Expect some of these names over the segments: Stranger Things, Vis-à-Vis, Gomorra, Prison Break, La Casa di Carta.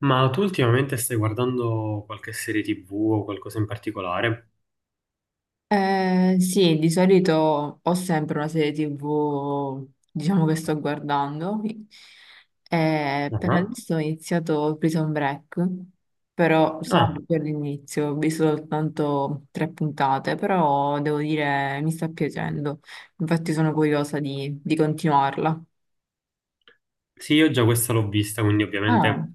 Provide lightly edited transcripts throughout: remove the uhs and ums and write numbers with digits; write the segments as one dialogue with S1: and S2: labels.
S1: Ma tu ultimamente stai guardando qualche serie TV o qualcosa in particolare?
S2: Sì, di solito ho sempre una serie TV, diciamo, che sto guardando. Per
S1: Ah,
S2: adesso ho iniziato Prison Break, però
S1: Ah,
S2: sono per l'inizio, ho visto soltanto tre puntate, però devo dire mi sta piacendo. Infatti sono curiosa di continuarla.
S1: sì, io già questa l'ho vista, quindi
S2: Ah,
S1: ovviamente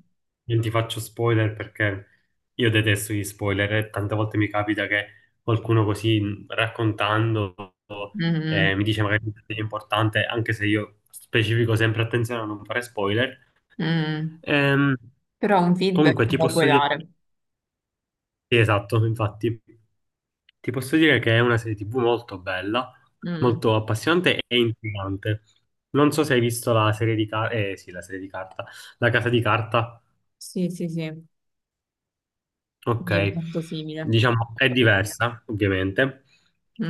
S1: non ti faccio spoiler perché io detesto gli spoiler, e tante volte mi capita che qualcuno così raccontando
S2: mm,
S1: mi dice magari che è importante, anche se io specifico sempre attenzione a non fare spoiler.
S2: mm.
S1: Ehm,
S2: Però un feedback
S1: Comunque
S2: me
S1: ti
S2: lo
S1: posso
S2: puoi
S1: dire,
S2: dare.
S1: sì, esatto, infatti. Ti posso dire che è una serie TV molto bella,
S2: Mm.
S1: molto appassionante e intrigante. Non so se hai visto la serie di carta, eh sì, la serie di carta, La Casa di Carta.
S2: Sì, sì, sì,
S1: Ok,
S2: mi è molto simile.
S1: diciamo è diversa, ovviamente.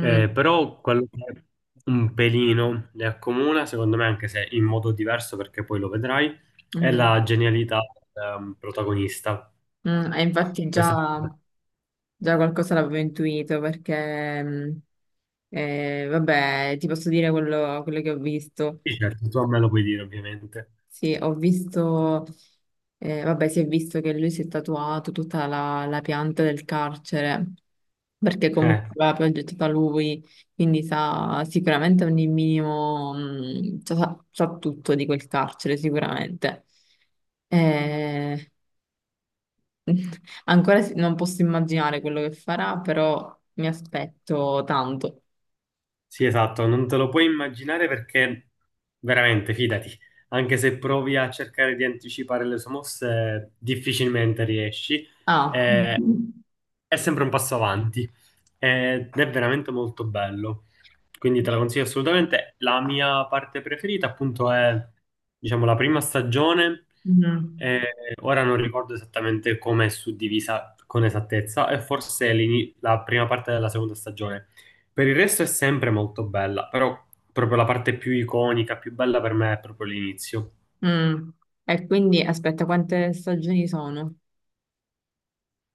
S1: Però quello che un pelino le accomuna, secondo me, anche se in modo diverso, perché poi lo vedrai, è
S2: mm.
S1: la genialità del protagonista.
S2: Mm, e infatti
S1: Questa...
S2: già, già qualcosa l'avevo intuito perché, vabbè, ti posso dire quello che ho visto.
S1: Sì, certo, tu a me lo puoi dire, ovviamente.
S2: Sì, ho visto, vabbè, si è visto che lui si è tatuato tutta la pianta del carcere perché comunque
S1: Eh.
S2: l'ha progettata lui, quindi sa sicuramente ogni sa tutto di quel carcere, sicuramente. Eh, Non posso immaginare quello che farà, però mi aspetto tanto.
S1: Sì, esatto, non te lo puoi immaginare perché veramente, fidati, anche se provi a cercare di anticipare le sue mosse, difficilmente riesci.
S2: Ah.
S1: Eh,
S2: Mm.
S1: è sempre un passo avanti ed è veramente molto bello. Quindi te la consiglio assolutamente. La mia parte preferita, appunto, è diciamo la prima stagione. Eh, Ora non ricordo esattamente come è suddivisa con esattezza, e forse la prima parte della seconda stagione. Per il resto è sempre molto bella, però proprio la parte più iconica, più bella per me è proprio l'inizio.
S2: Mm. E quindi aspetta, quante stagioni sono?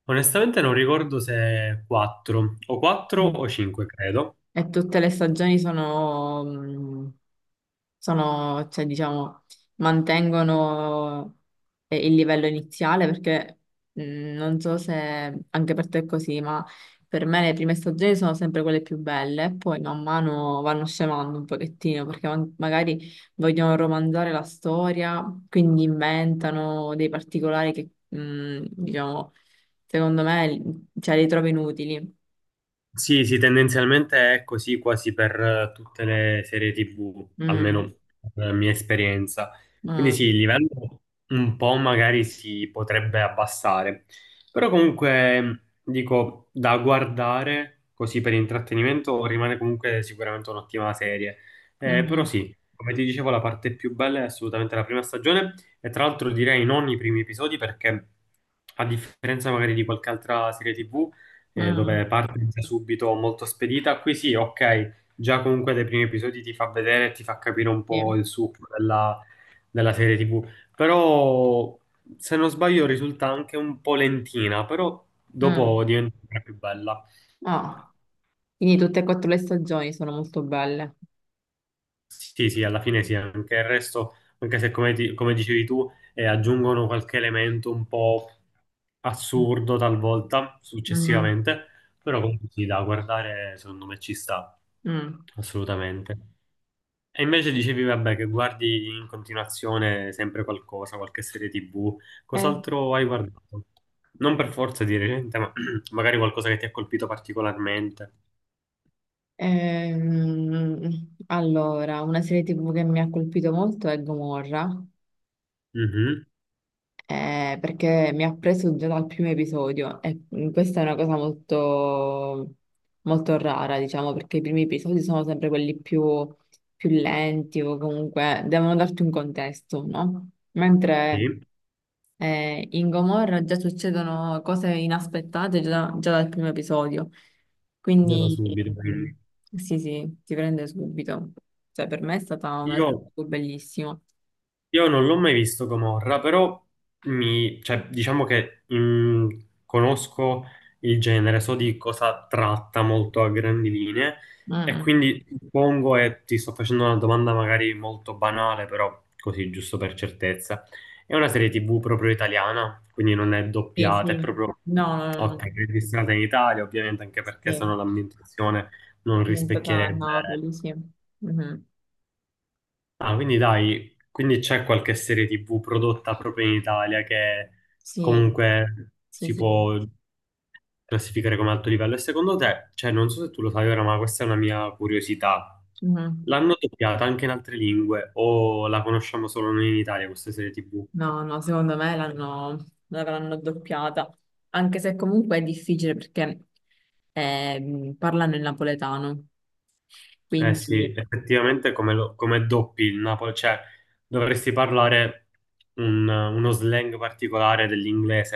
S1: Onestamente non ricordo se 4 o 4
S2: Mm.
S1: o 5, credo.
S2: E tutte le stagioni cioè, diciamo, mantengono il livello iniziale perché mh, non so se anche per te è così, ma per me le prime stagioni sono sempre quelle più belle, e poi man mano vanno scemando un pochettino perché magari vogliono romanzare la storia, quindi inventano dei particolari che, diciamo, secondo me, cioè, li trovo inutili.
S1: Sì, sì, tendenzialmente è così quasi per tutte le serie TV,
S2: Mm,
S1: almeno per la mia esperienza. Quindi sì,
S2: mm,
S1: il livello un po' magari si potrebbe abbassare, però comunque dico da guardare così per intrattenimento rimane comunque sicuramente un'ottima serie. Però
S2: mhm.
S1: sì, come ti dicevo, la parte più bella è assolutamente la prima stagione, e tra l'altro direi non i primi episodi perché a differenza magari di qualche altra serie TV
S2: Mm,
S1: dove parte già subito molto spedita. Qui sì, ok, già comunque dai primi episodi ti fa vedere e ti fa capire un
S2: sì.
S1: po' il succo della serie TV. Però, se non sbaglio, risulta anche un po' lentina, però
S2: Mm.
S1: dopo diventa sempre più bella.
S2: Ah, quindi tutte e quattro le stagioni sono molto belle.
S1: Sì, sì, alla fine sì, anche il resto, anche se come, come dicevi tu, aggiungono qualche elemento un po' assurdo talvolta,
S2: Mm,
S1: successivamente, però comunque sì, da guardare secondo me ci sta,
S2: mm.
S1: assolutamente. E invece dicevi, vabbè, che guardi in continuazione sempre qualcosa, qualche serie TV.
S2: Eh,
S1: Cos'altro hai guardato? Non per forza di recente, ma magari qualcosa che ti ha colpito particolarmente.
S2: allora, una serie TV che mi ha colpito molto è Gomorra,
S1: Mhm.
S2: perché mi ha preso già dal primo episodio e questa è una cosa molto rara, diciamo, perché i primi episodi sono sempre quelli più lenti o comunque devono darti un contesto, no? Mentre...
S1: Sì,
S2: In Gomorra già succedono cose inaspettate già dal primo episodio,
S1: già da
S2: quindi
S1: subito,
S2: mm,
S1: quindi.
S2: sì, sì, ti prende subito. Cioè, per me è stata una
S1: Io
S2: serie bellissima.
S1: Io non l'ho mai visto Gomorra, però mi, cioè, diciamo che conosco il genere, so di cosa tratta molto a grandi linee, e
S2: Mm.
S1: quindi suppongo, e ti sto facendo una domanda magari molto banale, però così giusto per certezza, è una serie TV proprio italiana, quindi non è
S2: Sì,
S1: doppiata, è
S2: sì,
S1: proprio
S2: no, no, no,
S1: ok,
S2: no.
S1: registrata in Italia, ovviamente anche perché sennò
S2: Sì,
S1: l'ambientazione non
S2: ambientata a
S1: rispecchierebbe.
S2: Napoli, sì. Mhm.
S1: Ah, quindi dai, quindi c'è qualche serie TV prodotta proprio in Italia che
S2: Sì,
S1: comunque
S2: sì,
S1: si
S2: sì.
S1: può classificare come alto livello. E secondo te, cioè non so se tu lo sai ora, ma questa è una mia curiosità.
S2: Mhm.
S1: L'hanno doppiata anche in altre lingue o la conosciamo solo noi in Italia questa serie TV?
S2: No, no, secondo me l'avranno doppiata, anche se comunque è difficile perché parlano il napoletano,
S1: Eh sì,
S2: quindi
S1: effettivamente come, come doppi il Napoli, cioè dovresti parlare uno slang particolare dell'inglese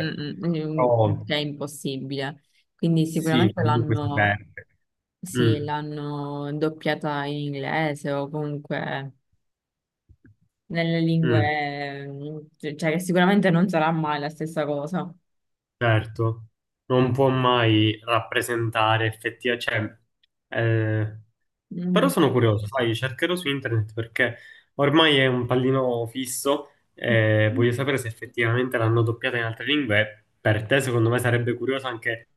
S2: mm, mm,
S1: Però
S2: mm, è impossibile. Quindi
S1: sì,
S2: sicuramente
S1: comunque si
S2: l'hanno
S1: perde.
S2: sì,
S1: Mm,
S2: l'hanno doppiata in inglese o comunque nelle
S1: mm,
S2: lingue, cioè che sicuramente non sarà mai la stessa cosa.
S1: certo, non può mai rappresentare effettivamente, cioè, eh, però
S2: Mhm.
S1: sono curioso, sai, cercherò su internet perché ormai è un pallino fisso e voglio sapere se effettivamente l'hanno doppiata in altre lingue. Per te, secondo me, sarebbe curioso anche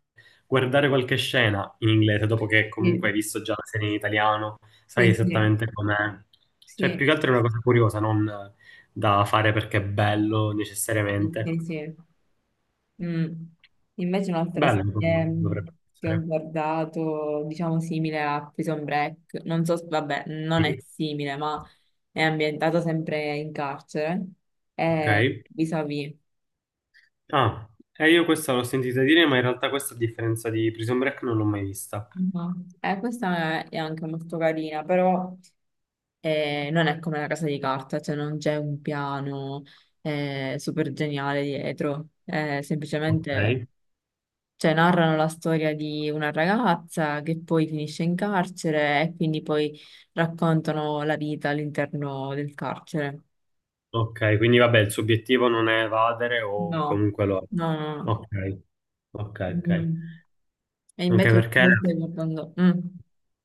S1: guardare qualche scena in inglese dopo che comunque hai
S2: Sì,
S1: visto già la serie in italiano, sai
S2: sì, sì,
S1: esattamente com'è. Cioè,
S2: sì,
S1: più che altro è una cosa curiosa, non da fare perché è bello
S2: sì,
S1: necessariamente.
S2: sì. Mm. Invece un'altra
S1: Bello,
S2: serie
S1: dovrebbe
S2: che ho
S1: essere.
S2: guardato, diciamo simile a Prison Break, non so, vabbè, non è
S1: Sì.
S2: simile, ma è ambientata sempre in carcere, è
S1: Ok.
S2: Vis-à-Vis.
S1: Ah, e io questa l'ho sentita dire, ma in realtà questa a differenza di Prison Break non l'ho mai vista.
S2: Mhm. Questa è anche molto carina, però non è come la casa di carta, cioè non c'è un piano super geniale dietro, è semplicemente
S1: Ok.
S2: cioè narrano la storia di una ragazza che poi finisce in carcere e quindi poi raccontano la vita all'interno del carcere.
S1: Ok, quindi vabbè, il suo obiettivo non è evadere o
S2: No.
S1: comunque lo è.
S2: No, no,
S1: Ok,
S2: no.
S1: ok.
S2: Mm. E
S1: Anche
S2: invece
S1: perché
S2: tu stai guardando... Mm.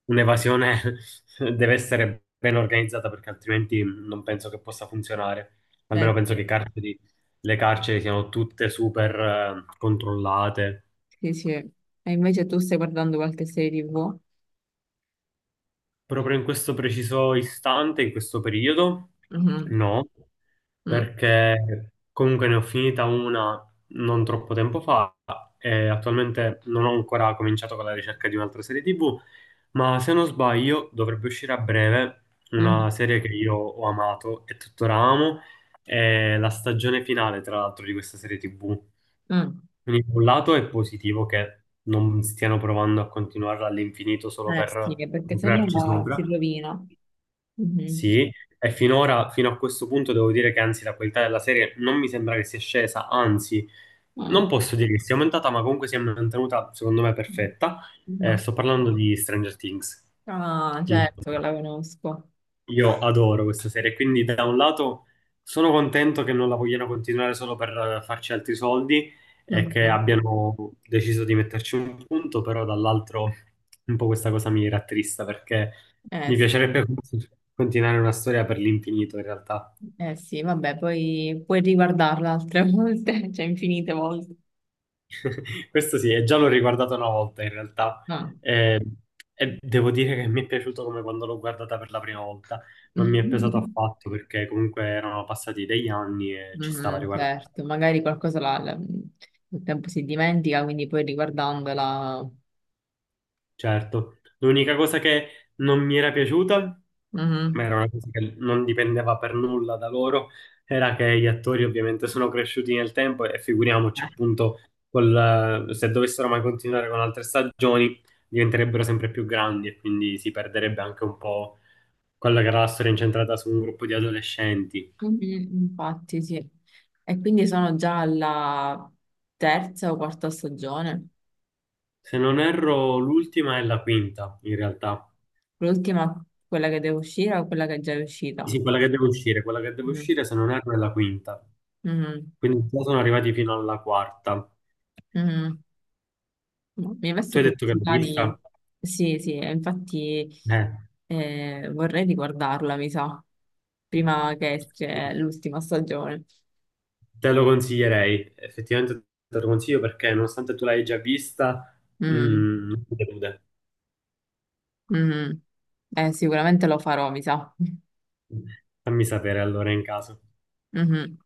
S1: un'evasione deve essere ben organizzata perché altrimenti non penso che possa funzionare. Almeno penso che
S2: Sì,
S1: le carceri siano tutte super controllate.
S2: sì, sì. E invece tu stai guardando qualche serie TV?
S1: Proprio in questo preciso istante, in questo periodo,
S2: Mhm.
S1: no,
S2: Mm.
S1: perché comunque ne ho finita una non troppo tempo fa e attualmente non ho ancora cominciato con la ricerca di un'altra serie TV, ma se non sbaglio dovrebbe uscire a breve una
S2: Mm.
S1: serie che io ho amato e tuttora amo, è la stagione finale, tra l'altro, di questa serie TV.
S2: Mm.
S1: Quindi da un lato è positivo che non stiano provando a continuarla all'infinito solo
S2: Eh sì,
S1: per
S2: perché se no
S1: lucrarci sopra.
S2: si rovina. Mhm.
S1: Sì, e finora, fino a questo punto, devo dire che anzi la qualità della serie non mi sembra che sia scesa, anzi,
S2: Mm.
S1: non posso dire che sia aumentata, ma comunque si è mantenuta, secondo me, perfetta.
S2: Mhm.
S1: Sto parlando di Stranger Things.
S2: Ah,
S1: Il-
S2: certo che la conosco.
S1: io adoro questa serie, quindi da un lato sono contento che non la vogliano continuare solo per farci altri soldi e che
S2: Mhm.
S1: abbiano deciso di metterci un punto, però dall'altro un po' questa cosa mi rattrista perché
S2: Eh,
S1: mi
S2: s-
S1: piacerebbe continuare una storia per l'infinito in realtà.
S2: eh sì, vabbè, poi puoi riguardarla altre volte, cioè infinite volte.
S1: Questo sì, e già l'ho riguardato una volta in realtà.
S2: No.
S1: Eh, e devo dire che mi è piaciuto come quando l'ho guardata per la prima volta, non mi è pesato affatto perché comunque erano passati degli anni e ci stava
S2: Mhm,
S1: riguardando.
S2: certo, magari qualcosa nel tempo si dimentica, quindi poi riguardandola...
S1: Certo, l'unica cosa che non mi era piaciuta, ma
S2: Mhm.
S1: era una cosa che non dipendeva per nulla da loro, era che gli attori ovviamente sono cresciuti nel tempo e figuriamoci
S2: Eh,
S1: appunto se dovessero mai continuare con altre stagioni diventerebbero sempre più grandi e quindi si perderebbe anche un po' quella che era la storia incentrata su un gruppo di adolescenti.
S2: mhm, Infatti, sì. E quindi sono già alla terza o quarta stagione.
S1: Se non erro, l'ultima è la quinta in realtà.
S2: L'ultima, quella che devo uscire o quella che è già uscita?
S1: Sì, quella che deve uscire, quella che deve
S2: Mm.
S1: uscire se non erro è la quinta.
S2: Mhm,
S1: Quindi già sono arrivati fino alla quarta.
S2: mhm. No, mi ha
S1: Tu
S2: messo
S1: hai detto che l'hai
S2: curiosità di...
S1: vista?
S2: Sì, sì, e infatti
S1: Eh,
S2: vorrei riguardarla, mi sa, prima che esce l'ultima stagione.
S1: te lo consiglierei, effettivamente te lo consiglio perché nonostante tu l'hai già vista,
S2: Mm,
S1: mm, non ti delude.
S2: mhm. Sicuramente lo farò, mi sa.
S1: Fammi sapere allora in caso.
S2: Mhm.